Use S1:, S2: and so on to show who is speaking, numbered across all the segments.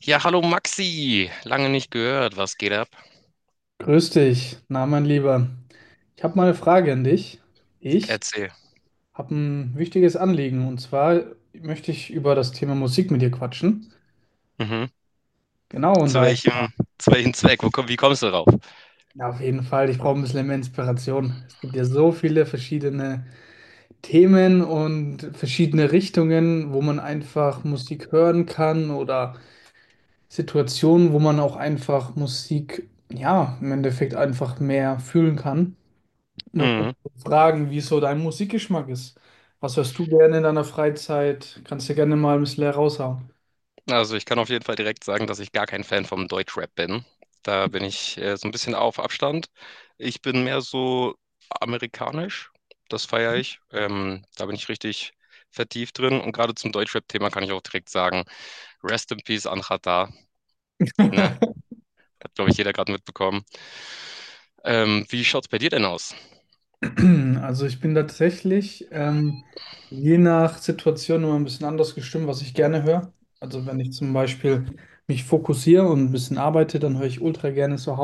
S1: Ja, hallo Maxi, lange nicht gehört. Was geht ab?
S2: Grüß dich, na mein Lieber. Ich habe mal eine Frage an dich. Ich
S1: Erzähl.
S2: habe ein wichtiges Anliegen, und zwar möchte ich über das Thema Musik mit dir quatschen.
S1: Mhm.
S2: Genau, und
S1: Zu
S2: da,
S1: welchem, zu welchem Zweck? Wie kommst du drauf?
S2: na, auf jeden Fall, ich brauche ein bisschen mehr Inspiration. Es gibt ja so viele verschiedene Themen und verschiedene Richtungen, wo man einfach Musik hören kann, oder Situationen, wo man auch einfach Musik, ja, im Endeffekt einfach mehr fühlen kann. Da wollte
S1: Mhm.
S2: ich dich fragen, wie so dein Musikgeschmack ist. Was hörst du gerne in deiner Freizeit? Kannst du gerne mal ein bisschen heraushauen.
S1: Also ich kann auf jeden Fall direkt sagen, dass ich gar kein Fan vom Deutschrap bin. Da bin ich so ein bisschen auf Abstand. Ich bin mehr so amerikanisch, das feiere ich. Da bin ich richtig vertieft drin. Und gerade zum Deutschrap-Thema kann ich auch direkt sagen, Rest in Peace Anhat Da, ne? Hat, glaube ich, jeder gerade mitbekommen. Wie schaut's bei dir denn aus?
S2: Also ich bin tatsächlich je nach Situation immer ein bisschen anders gestimmt, was ich gerne höre. Also wenn ich zum Beispiel mich fokussiere und ein bisschen arbeite, dann höre ich ultra gerne so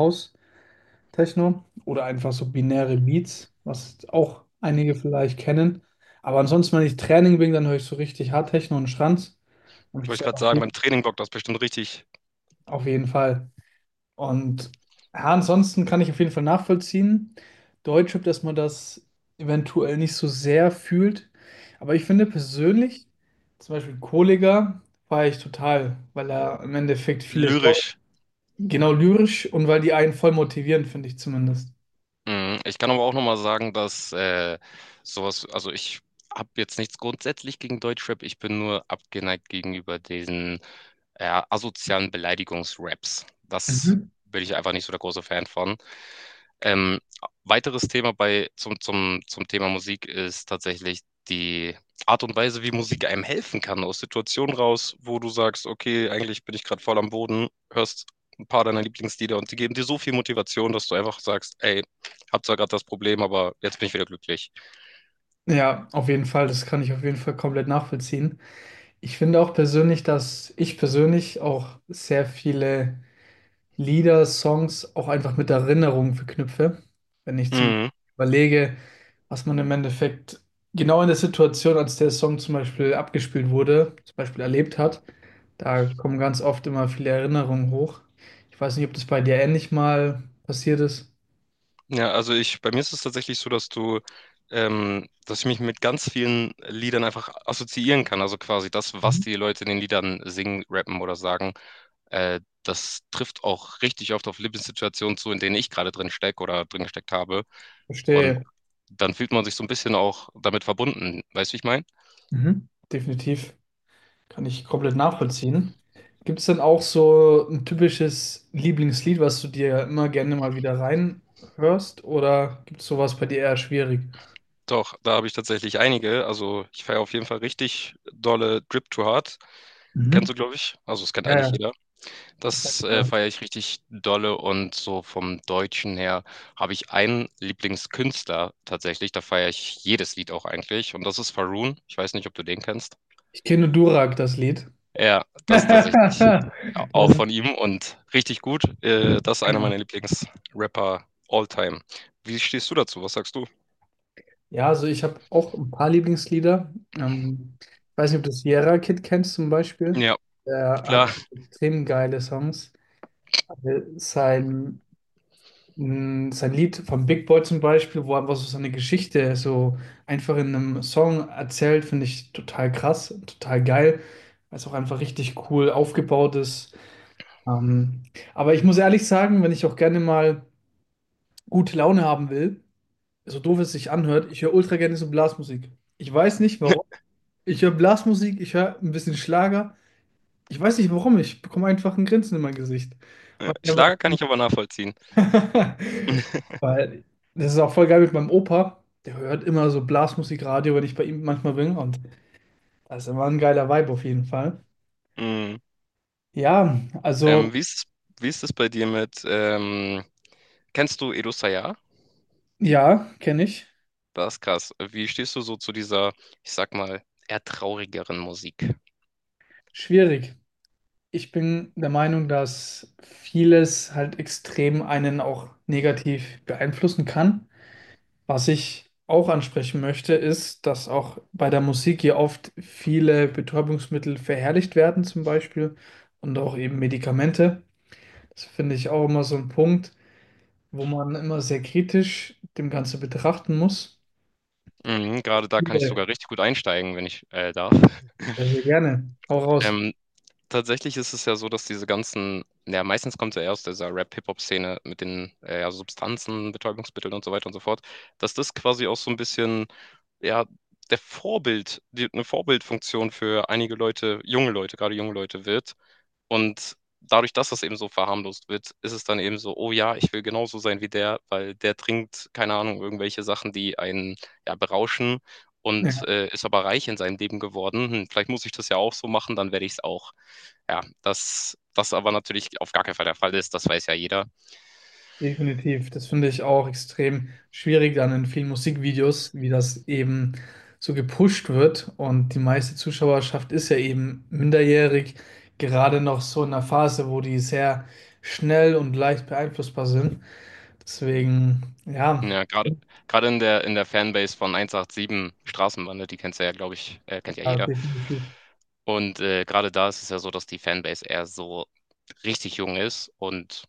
S2: House-Techno oder einfach so binäre Beats, was auch einige vielleicht kennen. Aber ansonsten, wenn ich Training bin, dann höre ich so richtig Hard-Techno und Schranz. Hab ich
S1: Wollte ich gerade sagen, beim Training bockt das bestimmt richtig
S2: Auf jeden Fall. Und ja, ansonsten kann ich auf jeden Fall nachvollziehen, Deutsche, dass man das eventuell nicht so sehr fühlt. Aber ich finde persönlich, zum Beispiel Kollega, feiere ich total, weil er im Endeffekt vieles,
S1: lyrisch.
S2: genau, lyrisch, und weil die einen voll motivieren, finde ich zumindest.
S1: Mhm. Ich kann aber auch nochmal sagen, dass also ich habe jetzt nichts grundsätzlich gegen Deutschrap, ich bin nur abgeneigt gegenüber diesen asozialen Beleidigungsraps. Das
S2: Mhm.
S1: bin ich einfach nicht so der große Fan von. Ähm, Weiteres Thema zum Thema Musik ist tatsächlich die Art und Weise, wie Musik einem helfen kann, aus Situationen raus, wo du sagst, okay, eigentlich bin ich gerade voll am Boden, hörst ein paar deiner Lieblingslieder und die geben dir so viel Motivation, dass du einfach sagst, ey, hab zwar gerade das Problem, aber jetzt bin ich wieder glücklich.
S2: Ja, auf jeden Fall, das kann ich auf jeden Fall komplett nachvollziehen. Ich finde auch persönlich, dass ich persönlich auch sehr viele Lieder, Songs auch einfach mit Erinnerungen verknüpfe. Wenn ich zum
S1: Mhm.
S2: überlege, was man im Endeffekt genau in der Situation, als der Song zum Beispiel abgespielt wurde, zum Beispiel erlebt hat, da kommen ganz oft immer viele Erinnerungen hoch. Ich weiß nicht, ob das bei dir ähnlich mal passiert ist.
S1: Ja, bei mir ist es tatsächlich so, dass ich mich mit ganz vielen Liedern einfach assoziieren kann. Also quasi das, was
S2: Mhm.
S1: die Leute in den Liedern singen, rappen oder sagen. Das trifft auch richtig oft auf Lebenssituationen zu, in denen ich gerade drin stecke oder drin gesteckt habe. Und
S2: Verstehe.
S1: dann fühlt man sich so ein bisschen auch damit verbunden. Weißt du, wie ich meine?
S2: Mhm. Definitiv. Kann ich komplett nachvollziehen. Gibt es denn auch so ein typisches Lieblingslied, was du dir immer gerne mal wieder reinhörst? Oder gibt es sowas bei dir eher schwierig?
S1: Doch, da habe ich tatsächlich einige. Also ich feiere auf jeden Fall richtig dolle Drip to Hard. Kennst du,
S2: Mhm.
S1: glaube ich? Also es kennt
S2: Ja,
S1: eigentlich
S2: ja,
S1: jeder.
S2: das sagt
S1: Das
S2: man.
S1: feiere ich richtig dolle, und so vom Deutschen her habe ich einen Lieblingskünstler tatsächlich. Da feiere ich jedes Lied auch eigentlich. Und das ist Faroon. Ich weiß nicht, ob du den kennst.
S2: Ich kenne Durak, das Lied.
S1: Ja, das tatsächlich a
S2: Das
S1: auch
S2: ist
S1: von ihm und richtig gut. Das ist einer
S2: länger.
S1: meiner Lieblingsrapper all time. Wie stehst du dazu? Was sagst du?
S2: Ja, also ich habe auch ein paar Lieblingslieder. Ich weiß nicht, ob du Sierra Kid kennst zum Beispiel.
S1: Ja,
S2: Der hat
S1: klar.
S2: auch extrem geile Songs. Sein Sein Lied von Big Boy zum Beispiel, wo er einfach so seine Geschichte so einfach in einem Song erzählt, finde ich total krass, total geil, weil es auch einfach richtig cool aufgebaut ist. Ähm, aber ich muss ehrlich sagen, wenn ich auch gerne mal gute Laune haben will, so doof es sich anhört, ich höre ultra gerne so Blasmusik. Ich weiß nicht warum. Ich höre Blasmusik, ich höre ein bisschen Schlager. Ich weiß nicht warum, ich bekomme einfach ein Grinsen in mein Gesicht. Was ich einfach
S1: Schlager kann ich aber nachvollziehen.
S2: weil das ist auch voll geil mit meinem Opa. Der hört immer so Blasmusikradio, wenn ich bei ihm manchmal bin. Und das ist immer ein geiler Vibe auf jeden Fall.
S1: Mhm.
S2: Ja, also
S1: Ähm, wie ist es wie ist es bei dir mit, kennst du Edo Sayar?
S2: ja, kenne ich.
S1: Das ist krass. Wie stehst du so zu dieser, ich sag mal, eher traurigeren Musik?
S2: Schwierig. Ich bin der Meinung, dass vieles halt extrem einen auch negativ beeinflussen kann. Was ich auch ansprechen möchte, ist, dass auch bei der Musik hier oft viele Betäubungsmittel verherrlicht werden, zum Beispiel, und auch eben Medikamente. Das finde ich auch immer so ein Punkt, wo man immer sehr kritisch dem Ganze betrachten muss.
S1: Mhm, grade da kann ich
S2: Viele,
S1: sogar richtig gut einsteigen, wenn ich, darf.
S2: sehr, sehr gerne. Hau raus.
S1: Ähm tatsächlich ist es ja so, dass diese ganzen, ja, meistens kommt es ja aus dieser Rap-Hip-Hop-Szene mit den ja, Substanzen, Betäubungsmitteln und so weiter und so fort, dass das quasi auch so ein bisschen, ja, eine Vorbildfunktion für einige Leute, junge Leute, gerade junge Leute wird. Und dadurch, dass das eben so verharmlost wird, ist es dann eben so, oh ja, ich will genauso sein wie der, weil der trinkt, keine Ahnung, irgendwelche Sachen, die einen ja, berauschen. Und
S2: Ja,
S1: ist aber reich in seinem Leben geworden. Hm, vielleicht muss ich das ja auch so machen, dann werde ich es auch. Ja, dass das aber natürlich auf gar keinen Fall der Fall ist, das weiß ja jeder.
S2: definitiv. Das finde ich auch extrem schwierig dann in vielen Musikvideos, wie das eben so gepusht wird. Und die meiste Zuschauerschaft ist ja eben minderjährig, gerade noch so in einer Phase, wo die sehr schnell und leicht beeinflussbar sind. Deswegen, ja,
S1: Ja, gerade in der Fanbase von 187 Straßenbande, die kennst du ja, glaube ich kennt ja
S2: ja,
S1: jeder.
S2: definitiv.
S1: Und, gerade da ist es ja so, dass die Fanbase eher so richtig jung ist und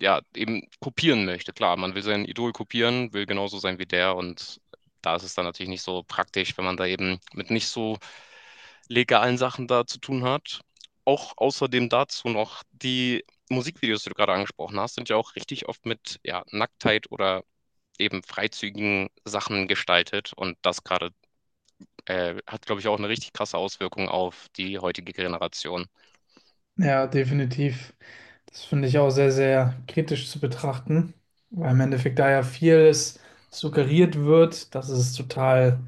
S1: ja, eben kopieren möchte. Klar, man will sein Idol kopieren, will genauso sein wie der, und da ist es dann natürlich nicht so praktisch, wenn man da eben mit nicht so legalen Sachen da zu tun hat. Auch außerdem dazu noch die Musikvideos, die du gerade angesprochen hast, sind ja auch richtig oft mit ja, Nacktheit oder eben freizügigen Sachen gestaltet, und das gerade hat, glaube ich, auch eine richtig krasse Auswirkung auf die heutige Generation.
S2: Ja, definitiv. Das finde ich auch sehr, sehr kritisch zu betrachten, weil im Endeffekt da ja vieles suggeriert wird, dass es total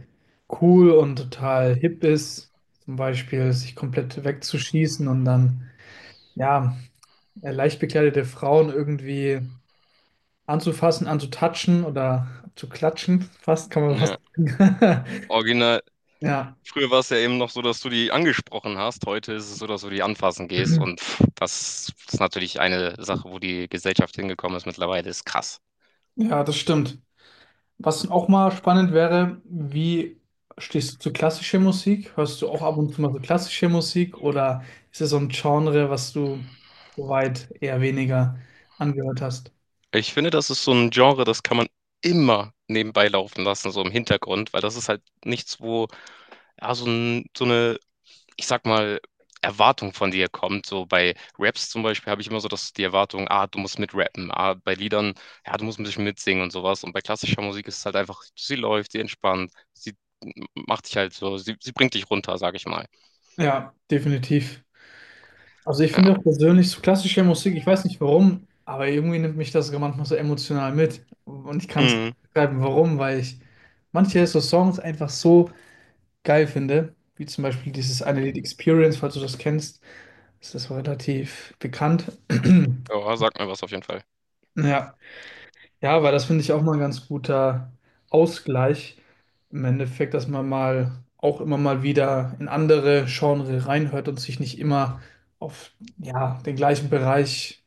S2: cool und total hip ist, zum Beispiel sich komplett wegzuschießen und dann, ja, leicht bekleidete Frauen irgendwie anzufassen, anzutatschen oder zu klatschen, fast kann man
S1: Ja.
S2: fast sagen.
S1: Original,
S2: Ja,
S1: früher war es ja eben noch so, dass du die angesprochen hast. Heute ist es so, dass du die anfassen gehst. Und pff, das ist natürlich eine Sache, wo die Gesellschaft hingekommen ist mittlerweile, ist krass.
S2: ja, das stimmt. Was auch mal spannend wäre, wie stehst du zu klassischer Musik? Hörst du auch ab und zu mal so klassische Musik, oder ist es so ein Genre, was du soweit eher weniger angehört hast?
S1: Ich finde, das ist so ein Genre, das kann man immer nebenbei laufen lassen, so im Hintergrund, weil das ist halt nichts, wo ja, so eine, ich sag mal, Erwartung von dir kommt. So bei Raps zum Beispiel habe ich immer so, dass die Erwartung, ah, du musst mitrappen. Ah, bei Liedern, ja, du musst ein bisschen mitsingen und sowas. Und bei klassischer Musik ist es halt einfach, sie läuft, sie entspannt, sie macht dich halt so, sie bringt dich runter, sag ich mal.
S2: Ja, definitiv. Also ich
S1: Ja.
S2: finde auch persönlich so klassische Musik, ich weiß nicht warum, aber irgendwie nimmt mich das sogar manchmal so emotional mit. Und ich kann es
S1: Mhm.
S2: beschreiben, warum, weil ich manche so Songs einfach so geil finde, wie zum Beispiel dieses eine Lied Experience, falls du das kennst, ist das relativ bekannt.
S1: Ja, sag mir was auf jeden Fall.
S2: Ja, ja, aber das finde ich auch mal ein ganz guter Ausgleich im Endeffekt, dass man mal auch immer mal wieder in andere Genre reinhört und sich nicht immer auf, ja, den gleichen Bereich,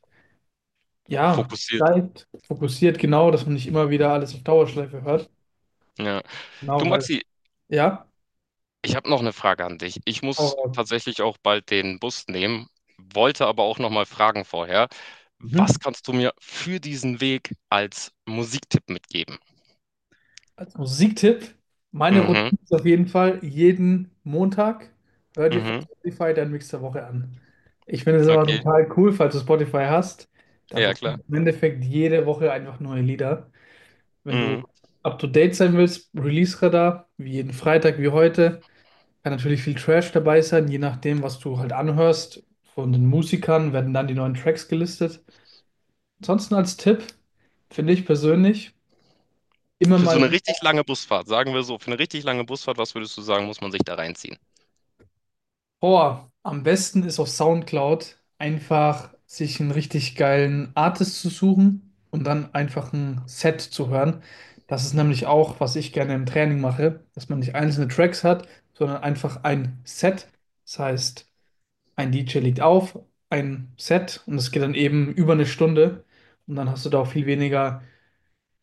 S2: ja,
S1: Fokussiert.
S2: bleibt, fokussiert, genau, dass man nicht immer wieder alles auf Dauerschleife hört.
S1: Ja. Du,
S2: Genau, weil
S1: Maxi,
S2: ja,
S1: ich habe noch eine Frage an dich. Ich muss
S2: aber,
S1: tatsächlich auch bald den Bus nehmen, wollte aber auch noch mal fragen vorher, was
S2: mhm.
S1: kannst du mir für diesen Weg als Musiktipp mitgeben?
S2: Als Musiktipp, meine
S1: Mhm,
S2: Routine ist auf jeden Fall jeden Montag, hör dir von
S1: mhm,
S2: Spotify deinen Mix der Woche an. Ich finde es immer
S1: okay.
S2: total cool, falls du Spotify hast. Da
S1: Ja, klar.
S2: bekommst du im Endeffekt jede Woche einfach neue Lieder. Wenn du
S1: Mhm.
S2: up to date sein willst, Release-Radar, wie jeden Freitag, wie heute. Kann natürlich viel Trash dabei sein, je nachdem, was du halt anhörst. Von den Musikern werden dann die neuen Tracks gelistet. Ansonsten als Tipp, finde ich persönlich, immer
S1: Für so 'ne
S2: mal,
S1: richtig lange Busfahrt, sagen wir so, für 'ne richtig lange Busfahrt, was würdest du sagen, muss man sich da reinziehen?
S2: boah, am besten ist auf SoundCloud einfach sich einen richtig geilen Artist zu suchen und dann einfach ein Set zu hören. Das ist nämlich auch, was ich gerne im Training mache, dass man nicht einzelne Tracks hat, sondern einfach ein Set. Das heißt, ein DJ legt auf, ein Set, und es geht dann eben über eine Stunde, und dann hast du da auch viel weniger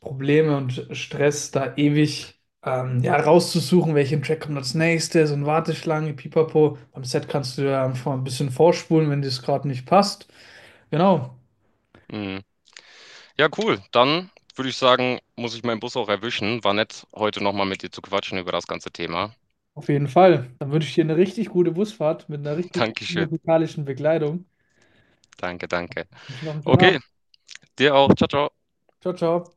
S2: Probleme und Stress, da ewig ja, rauszusuchen, welchen Track kommt als nächstes und Warteschlange, Pipapo. Beim Set kannst du ja einfach ein bisschen vorspulen, wenn dir es gerade nicht passt. Genau,
S1: Mhm. Ja, cool. Dann würde ich sagen, muss ich meinen Bus auch erwischen. War nett, heute noch mal mit dir zu quatschen über das ganze Thema.
S2: auf jeden Fall. Dann wünsche ich dir eine richtig gute Busfahrt mit einer richtig guten
S1: Dankeschön.
S2: musikalischen Begleitung.
S1: Danke, danke.
S2: Ich wünsche dir noch einen schönen Abend.
S1: Okay, dir auch. Tschau, tschau.
S2: Ciao, ciao.